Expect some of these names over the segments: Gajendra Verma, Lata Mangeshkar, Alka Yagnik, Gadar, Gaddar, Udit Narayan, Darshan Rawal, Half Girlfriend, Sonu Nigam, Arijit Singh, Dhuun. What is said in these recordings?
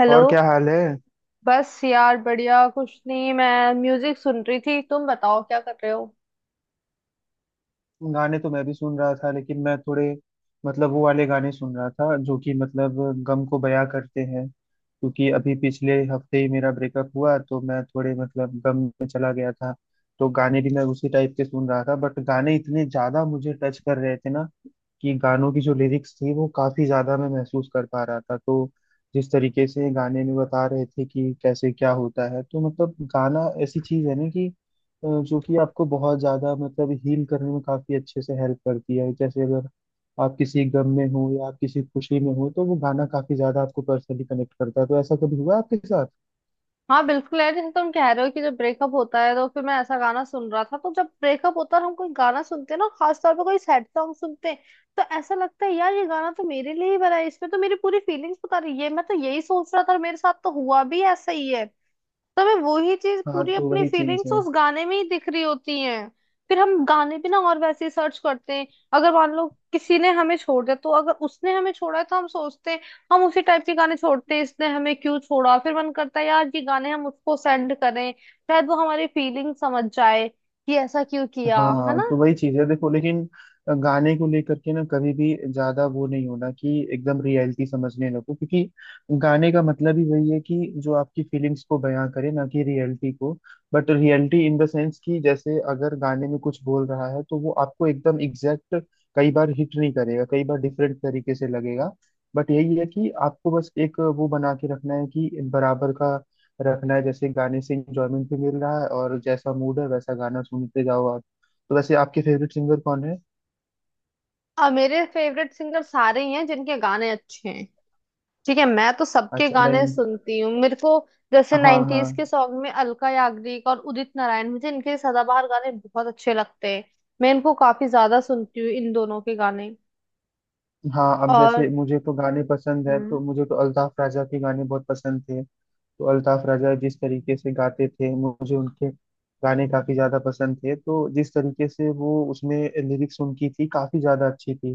Hello. और क्या हाल है? बस यार बढ़िया कुछ नहीं, मैं म्यूजिक सुन रही थी, तुम बताओ क्या कर रहे हो। गाने तो मैं भी सुन रहा था, लेकिन मैं थोड़े मतलब वो वाले गाने सुन रहा था जो कि मतलब गम को बयां करते हैं। क्योंकि अभी पिछले हफ्ते ही मेरा ब्रेकअप हुआ, तो मैं थोड़े मतलब गम में चला गया था। तो गाने भी मैं उसी टाइप के सुन रहा था, बट गाने इतने ज्यादा मुझे टच कर रहे थे ना कि गानों की जो लिरिक्स थी वो काफी ज्यादा मैं महसूस कर पा रहा था। तो जिस तरीके से गाने में बता रहे थे कि कैसे क्या होता है, तो मतलब गाना ऐसी चीज है ना कि जो कि आपको बहुत ज़्यादा मतलब हील करने में काफ़ी अच्छे से हेल्प करती है। जैसे अगर आप किसी गम में हो या आप किसी खुशी में हो तो वो गाना काफ़ी ज़्यादा आपको पर्सनली कनेक्ट करता है। तो ऐसा कभी हुआ आपके साथ? हाँ बिल्कुल यार, जैसे तुम कह रहे हो कि जब ब्रेकअप होता है तो फिर मैं ऐसा गाना सुन रहा था। तो जब ब्रेकअप होता है हम कोई गाना सुनते हैं ना, खास तौर पर कोई सैड सॉन्ग सुनते हैं। तो ऐसा लगता है यार, ये गाना तो मेरे लिए ही बना है, इसमें तो मेरी पूरी फीलिंग्स बता रही है, मैं तो यही सोच रहा था और मेरे साथ तो हुआ भी ऐसा ही है। तो हमें वही चीज, हाँ पूरी तो अपनी वही चीज़ फीलिंग्स है। उस गाने में ही दिख रही होती हैं। फिर हम गाने भी ना और वैसे ही सर्च करते हैं। अगर मान लो किसी ने हमें छोड़ दिया, तो अगर उसने हमें छोड़ा है, तो हम सोचते हैं, हम उसी टाइप के गाने छोड़ते हैं, इसने हमें क्यों छोड़ा। फिर मन करता है यार, ये गाने हम उसको सेंड करें, शायद वो हमारी फीलिंग समझ जाए कि ऐसा क्यों किया। है हाँ ना। तो वही चीज है। देखो, लेकिन गाने को लेकर के ना कभी भी ज्यादा वो नहीं होना कि एकदम रियलिटी समझने लगो। क्योंकि गाने का मतलब ही वही है कि जो आपकी फीलिंग्स को बयां करे, ना कि रियलिटी को। But reality in the sense कि जैसे अगर गाने में कुछ बोल रहा है तो वो आपको एकदम एग्जैक्ट कई बार हिट नहीं करेगा, कई बार डिफरेंट तरीके से लगेगा। बट यही है कि आपको बस एक वो बना के रखना है कि बराबर का रखना है। जैसे गाने से इंजॉयमेंट भी मिल रहा है, और जैसा मूड है वैसा गाना सुनते जाओ आप। तो वैसे आपके फेवरेट सिंगर कौन है? अब मेरे फेवरेट सिंगर सारे ही हैं जिनके गाने अच्छे हैं। ठीक है, मैं तो सबके अच्छा गाने नहीं। सुनती हूँ। मेरे को जैसे हाँ हाँ नाइन्टीज के सॉन्ग में अलका याग्निक और उदित नारायण, मुझे इनके सदाबहार गाने बहुत अच्छे लगते हैं। मैं इनको काफी ज्यादा सुनती हूँ, इन दोनों के गाने। हाँ। अब और जैसे मुझे तो गाने पसंद है तो हम्म। मुझे तो अल्ताफ राजा के गाने बहुत पसंद थे। तो अल्ताफ राजा जिस तरीके से गाते थे मुझे उनके गाने काफी ज्यादा पसंद थे। तो जिस तरीके से वो उसमें लिरिक्स उनकी थी काफी ज्यादा अच्छी थी।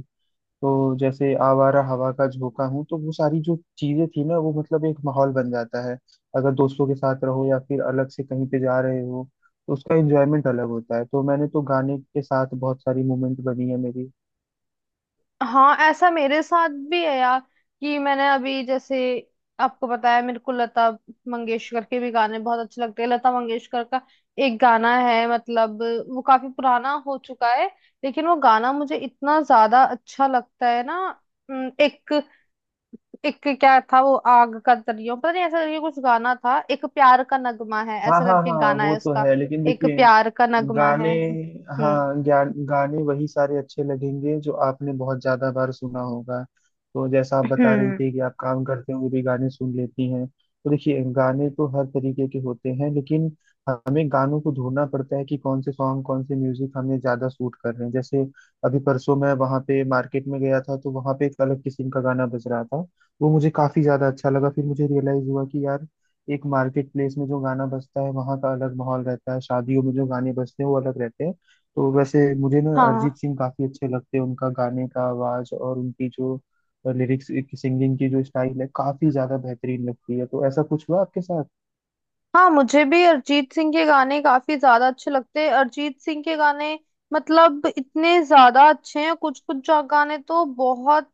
तो जैसे आवारा हवा का झोंका हूँ, तो वो सारी जो चीजें थी ना वो मतलब एक माहौल बन जाता है। अगर दोस्तों के साथ रहो या फिर अलग से कहीं पे जा रहे हो तो उसका एंजॉयमेंट अलग होता है। तो मैंने तो गाने के साथ बहुत सारी मोमेंट बनी है मेरी। हाँ ऐसा मेरे साथ भी है यार, कि मैंने अभी जैसे आपको बताया, मेरे को लता मंगेशकर के भी गाने बहुत अच्छे लगते हैं। लता मंगेशकर का एक गाना है, मतलब वो काफी पुराना हो चुका है, लेकिन वो गाना मुझे इतना ज्यादा अच्छा लगता है ना। एक एक क्या था वो, आग का दरियो पता नहीं ऐसा करके कुछ गाना था, एक प्यार का नगमा है हाँ ऐसा हाँ करके हाँ। गाना वो है तो उसका। है लेकिन एक देखिए प्यार का नगमा गाने, है। हम्म। हाँ ज्ञान गाने वही सारे अच्छे लगेंगे जो आपने बहुत ज्यादा बार सुना होगा। तो जैसा आप बता रही हम्म। थी कि आप काम करते हुए भी गाने सुन लेती हैं, तो देखिए गाने तो हर तरीके के होते हैं, लेकिन हमें गानों को ढूंढना पड़ता है कि कौन से सॉन्ग कौन से म्यूजिक हमें ज्यादा सूट कर रहे हैं। जैसे अभी परसों मैं वहाँ पे मार्केट में गया था तो वहाँ पे एक अलग किस्म का गाना बज रहा था, वो मुझे काफी ज्यादा अच्छा लगा। फिर मुझे रियलाइज हुआ कि यार एक मार्केट प्लेस में जो गाना बजता है वहाँ का अलग माहौल रहता है, शादियों में जो गाने बजते हैं वो अलग रहते हैं। तो वैसे मुझे ना हाँ अरिजीत सिंह काफी अच्छे लगते हैं, उनका गाने का आवाज और उनकी जो लिरिक्स की सिंगिंग की जो स्टाइल है काफी ज्यादा बेहतरीन लगती है। तो ऐसा कुछ हुआ आपके साथ? हाँ मुझे भी अरिजीत सिंह के गाने काफी ज्यादा अच्छे लगते हैं। अरिजीत सिंह के गाने मतलब इतने ज्यादा अच्छे हैं, कुछ कुछ गाने तो बहुत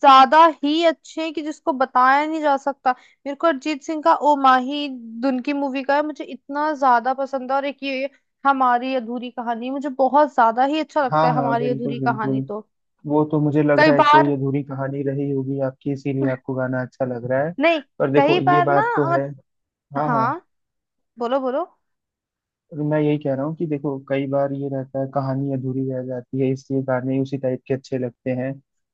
ज्यादा ही अच्छे हैं कि जिसको बताया नहीं जा सकता। मेरे को अरिजीत सिंह का ओ माही, धुन की मूवी का है, मुझे इतना ज्यादा पसंद है। और एक ये हमारी अधूरी कहानी मुझे बहुत ज्यादा ही अच्छा लगता हाँ है, हाँ हमारी बिल्कुल अधूरी बिल्कुल। कहानी तो। वो तो मुझे लग कई रहा है कोई बार अधूरी कहानी रही होगी आपकी, इसीलिए आपको गाना अच्छा लग रहा है। नहीं। पर देखो कई ये बार ना बात तो मत। है। हाँ हाँ। हाँ। बोलो बोलो। और मैं यही कह रहा हूँ कि देखो कई बार ये रहता है कहानी अधूरी रह जाती है, इसलिए गाने उसी टाइप के अच्छे लगते हैं।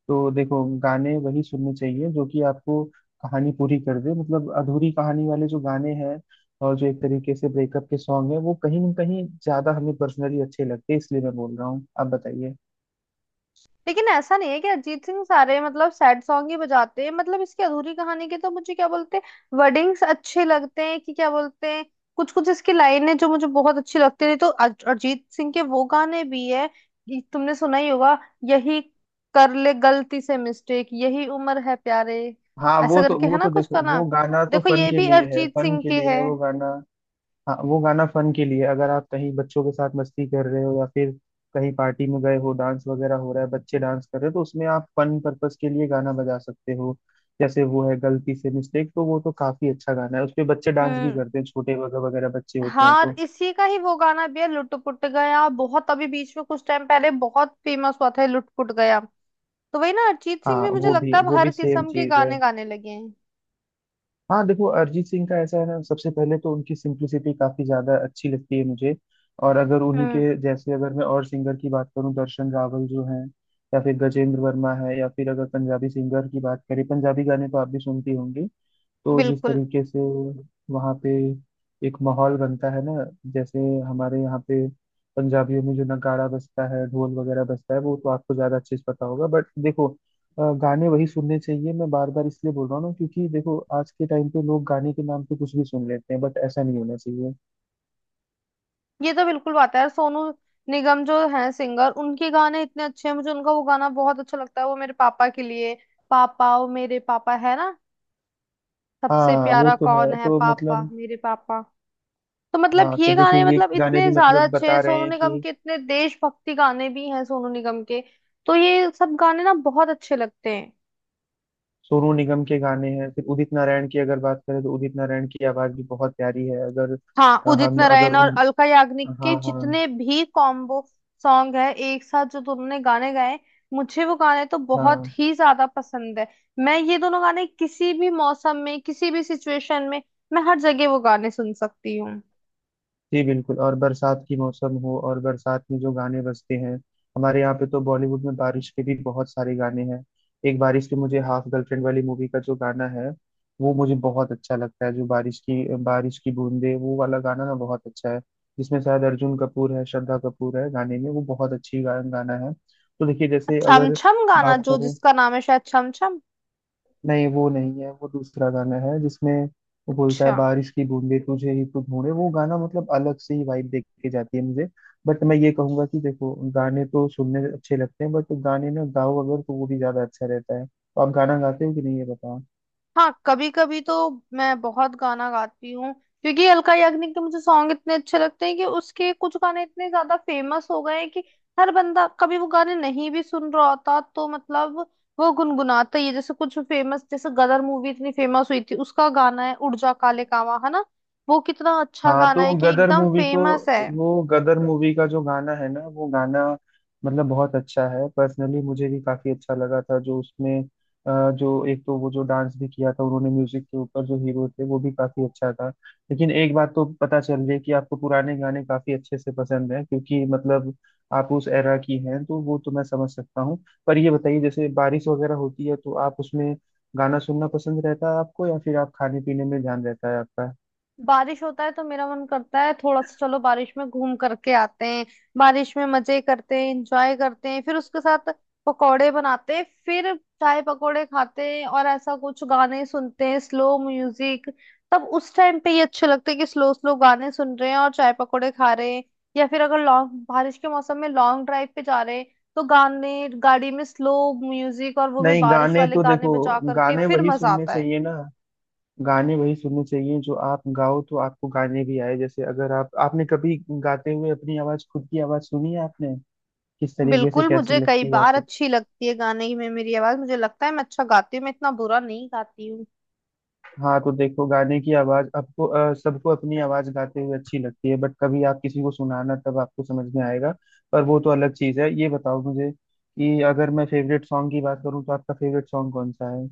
तो देखो गाने वही सुनने चाहिए जो कि आपको कहानी पूरी कर दे, मतलब अधूरी कहानी वाले जो गाने हैं और जो एक तरीके से ब्रेकअप के सॉन्ग है वो कहीं ना कहीं ज्यादा हमें पर्सनली अच्छे लगते हैं। इसलिए मैं बोल रहा हूँ, आप बताइए। लेकिन ऐसा नहीं है कि अरिजीत सिंह सारे मतलब सैड सॉन्ग ही बजाते हैं। मतलब इसकी अधूरी कहानी के तो मुझे क्या बोलते हैं, वर्डिंग्स अच्छे लगते हैं कि क्या बोलते हैं, कुछ कुछ इसकी लाइनें जो मुझे बहुत अच्छी लगती थी, तो अरिजीत सिंह के वो गाने भी है। ये तुमने सुना ही होगा, यही, कर ले गलती से मिस्टेक यही उम्र है प्यारे, हाँ ऐसा वो तो करके है वो ना तो कुछ देखो गाना। वो गाना तो देखो फन ये के भी लिए है, अरिजीत फन सिंह के के लिए है। है वो गाना। हाँ वो गाना फन के लिए अगर आप कहीं बच्चों के साथ मस्ती कर रहे हो या फिर कहीं पार्टी में गए हो डांस वगैरह हो रहा है बच्चे डांस कर रहे हो तो उसमें आप फन पर्पस के लिए गाना बजा सकते हो। जैसे वो है गलती से मिस्टेक, तो वो तो काफी अच्छा गाना है, उस पे बच्चे डांस भी हम्म। करते हैं, छोटे वगैरह वगैरह बच्चे होते हैं हाँ और तो। इसी का ही वो गाना भी है, लुटपुट गया, बहुत अभी बीच में कुछ टाइम पहले बहुत फेमस हुआ था, लुटपुट गया। तो वही ना, अरिजीत सिंह हाँ भी मुझे वो भी लगता है अब वो भी हर सेम किस्म के चीज है। गाने गाने लगे हैं। हाँ देखो अरिजीत सिंह का ऐसा है ना, सबसे पहले तो उनकी सिंप्लिसिटी काफी ज्यादा अच्छी लगती है मुझे। और अगर उन्हीं हम्म। के जैसे अगर मैं और सिंगर की बात करूँ दर्शन रावल जो है या फिर गजेंद्र वर्मा है या फिर अगर पंजाबी सिंगर की बात करें पंजाबी गाने तो आप भी सुनती होंगी। तो जिस बिल्कुल। तरीके से वहाँ पे एक माहौल बनता है ना, जैसे हमारे यहाँ पे पंजाबियों में जो नगाड़ा बजता है ढोल वगैरह बजता है वो तो आपको ज़्यादा अच्छे से पता होगा। बट देखो गाने वही सुनने चाहिए, मैं बार बार इसलिए बोल रहा हूँ ना क्योंकि देखो आज के टाइम पे लोग गाने के नाम पे कुछ भी सुन लेते हैं, बट ऐसा नहीं होना चाहिए। ये तो बिल्कुल बात है यार, सोनू निगम जो है सिंगर, उनके गाने इतने अच्छे हैं। मुझे उनका वो गाना बहुत अच्छा लगता है, वो मेरे पापा के लिए, पापा ओ मेरे पापा है ना, सबसे हाँ वो प्यारा तो कौन है, है, तो पापा मतलब मेरे पापा। तो मतलब हाँ तो ये देखिए गाने ये मतलब गाने इतने भी ज्यादा मतलब अच्छे बता हैं रहे सोनू हैं निगम कि के, इतने देशभक्ति गाने भी हैं सोनू निगम के। तो ये सब गाने ना बहुत अच्छे लगते हैं। सोनू निगम के गाने हैं। फिर उदित नारायण की अगर बात करें तो उदित नारायण की आवाज भी बहुत प्यारी है। अगर हाँ उदित हम अगर नारायण और उन। अलका याग्निक के हाँ हाँ जितने भी कॉम्बो सॉन्ग है, एक साथ जो दोनों ने गाने गाए, मुझे वो गाने तो बहुत हाँ। ही ज्यादा पसंद है। मैं ये दोनों गाने किसी भी मौसम में, किसी भी सिचुएशन में, मैं हर जगह वो गाने सुन सकती हूँ। जी बिल्कुल, और बरसात की मौसम हो और बरसात में जो गाने बजते हैं हमारे यहाँ पे, तो बॉलीवुड में बारिश के भी बहुत सारे गाने हैं। एक बारिश के मुझे हाफ गर्लफ्रेंड वाली मूवी का जो गाना है वो मुझे बहुत अच्छा लगता है, जो बारिश की बूंदे वो वाला गाना ना बहुत अच्छा है। जिसमें शायद अर्जुन कपूर है, श्रद्धा कपूर है गाने में। वो बहुत अच्छी गाना है तो देखिए जैसे छम अगर छम गाना, बात जो करें, जिसका नाम है शायद छम छम। नहीं वो नहीं है वो दूसरा गाना है जिसमें वो बोलता है अच्छा। बारिश की बूंदे तुझे ही तो ढूंढे। वो गाना मतलब अलग से ही वाइब देके के जाती है मुझे। बट मैं ये कहूंगा कि देखो गाने तो सुनने अच्छे लगते हैं, बट गाने में गाओ अगर तो वो भी ज्यादा अच्छा रहता है। तो आप गाना गाते हो कि नहीं ये बताओ? हाँ कभी कभी तो मैं बहुत गाना गाती हूँ, क्योंकि अलका याग्निक के मुझे सॉन्ग इतने अच्छे लगते हैं कि उसके कुछ गाने इतने ज्यादा फेमस हो गए हैं कि हर बंदा कभी वो गाने नहीं भी सुन रहा होता तो मतलब वो गुनगुनाता ही है। जैसे कुछ फेमस, जैसे गदर मूवी इतनी फेमस हुई थी, उसका गाना है उड़ जा काले कावां है ना, वो कितना अच्छा हाँ गाना तो है कि गदर एकदम मूवी तो फेमस है। वो गदर मूवी का जो गाना है ना वो गाना मतलब बहुत अच्छा है, पर्सनली मुझे भी काफी अच्छा लगा था। जो उसमें जो एक तो वो जो डांस भी किया था उन्होंने म्यूजिक के ऊपर जो हीरो थे वो भी काफी अच्छा था। लेकिन एक बात तो पता चल रही है कि आपको पुराने गाने काफी अच्छे से पसंद है, क्योंकि मतलब आप उस एरा की हैं तो वो तो मैं समझ सकता हूँ। पर ये बताइए जैसे बारिश वगैरह होती है तो आप उसमें गाना सुनना पसंद रहता है आपको या फिर आप खाने पीने में ध्यान रहता है आपका? बारिश होता है तो मेरा मन करता है थोड़ा सा चलो बारिश में घूम करके आते हैं, बारिश में मजे करते हैं, एंजॉय करते हैं। फिर उसके साथ पकोड़े बनाते हैं, फिर चाय पकोड़े खाते हैं और ऐसा कुछ गाने सुनते हैं, स्लो म्यूजिक। तब उस टाइम पे ये अच्छे लगते हैं कि स्लो स्लो गाने सुन रहे हैं और चाय पकोड़े खा रहे हैं। या फिर अगर लॉन्ग बारिश के मौसम में लॉन्ग ड्राइव पे जा रहे हैं, तो गाने गाड़ी में, स्लो म्यूजिक और वो भी नहीं बारिश गाने वाले तो गाने देखो बजा करके गाने फिर वही मजा सुनने आता है। चाहिए ना, गाने वही सुनने चाहिए जो आप गाओ तो आपको गाने भी आए। जैसे अगर आप आपने कभी गाते हुए अपनी आवाज, खुद की आवाज सुनी है आपने किस तरीके से बिल्कुल, मुझे कैसी कई लगती है बार आपको? अच्छी लगती है गाने में मेरी आवाज, मुझे लगता है मैं अच्छा गाती हूँ, मैं इतना बुरा नहीं गाती हूँ। हाँ तो देखो गाने की आवाज आपको सबको अपनी आवाज गाते हुए अच्छी लगती है, बट कभी आप किसी को सुनाना तब आपको समझ में आएगा। पर वो तो अलग चीज है, ये बताओ मुझे कि अगर मैं फेवरेट सॉन्ग की बात करूँ तो आपका फेवरेट सॉन्ग कौन सा है?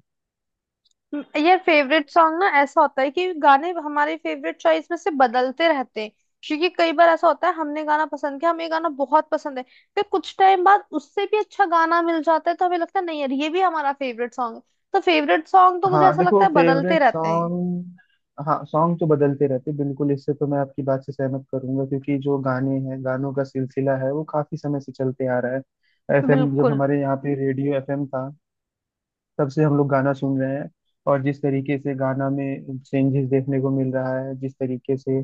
ये फेवरेट सॉन्ग ना ऐसा होता है कि गाने हमारे फेवरेट चॉइस में से बदलते रहते हैं, क्योंकि कई बार ऐसा होता है, हमने गाना पसंद किया, हमें ये गाना बहुत पसंद है, फिर कुछ टाइम बाद उससे भी अच्छा गाना मिल जाता है तो हमें लगता है नहीं यार ये भी हमारा फेवरेट सॉन्ग है। तो फेवरेट सॉन्ग तो मुझे हाँ ऐसा लगता देखो है बदलते फेवरेट रहते हैं। सॉन्ग, हाँ सॉन्ग तो बदलते रहते हैं, बिल्कुल इससे तो मैं आपकी बात से सहमत करूंगा क्योंकि जो गाने हैं गानों का सिलसिला है वो काफी समय से चलते आ रहा है। एफएम, जब बिल्कुल। हमारे यहाँ पे रेडियो एफएम था तब से हम लोग गाना सुन रहे हैं। और जिस तरीके से गाना में चेंजेस देखने को मिल रहा है, जिस तरीके से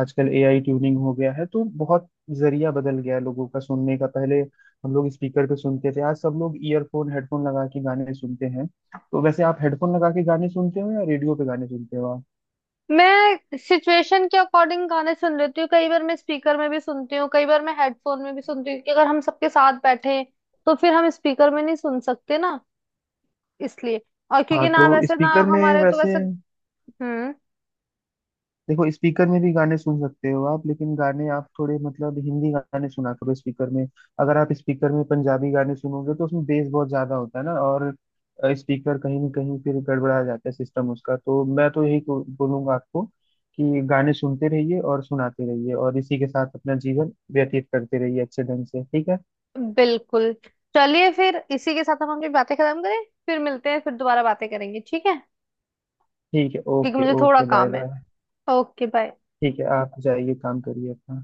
आजकल एआई ट्यूनिंग हो गया है तो बहुत जरिया बदल गया है लोगों का सुनने का। पहले हम लोग स्पीकर पे सुनते थे, आज सब लोग ईयरफोन हेडफोन लगा के गाने सुनते हैं। तो वैसे आप हेडफोन लगा के गाने सुनते हो या रेडियो पे गाने सुनते हो आप? मैं सिचुएशन के अकॉर्डिंग गाने सुन लेती हूँ, कई बार मैं स्पीकर में भी सुनती हूँ, कई बार मैं हेडफोन में भी सुनती हूँ, क्योंकि अगर हम सबके साथ बैठे हैं, तो फिर हम स्पीकर में नहीं सुन सकते ना, इसलिए। और क्योंकि हाँ तो ना वैसे ना स्पीकर में हमारे तो वैसे वैसे। हम्म। देखो स्पीकर में भी गाने सुन सकते हो आप, लेकिन गाने आप थोड़े मतलब हिंदी गाने सुना करो स्पीकर में। अगर आप स्पीकर में पंजाबी गाने सुनोगे तो उसमें बेस बहुत ज्यादा होता है ना, और स्पीकर कहीं ना कहीं फिर गड़बड़ा जाता है सिस्टम उसका। तो मैं तो यही बोलूंगा आपको कि गाने सुनते रहिए और सुनाते रहिए और इसी के साथ अपना जीवन व्यतीत करते रहिए अच्छे ढंग से, ठीक है? बिल्कुल। चलिए फिर इसी के साथ हम अपनी बातें खत्म करें, फिर मिलते हैं, फिर दोबारा बातें करेंगे, ठीक है। ठीक है, क्योंकि ओके मुझे थोड़ा ओके बाय काम है। बाय। Okay bye. ठीक है आप जाइए काम करिए अपना।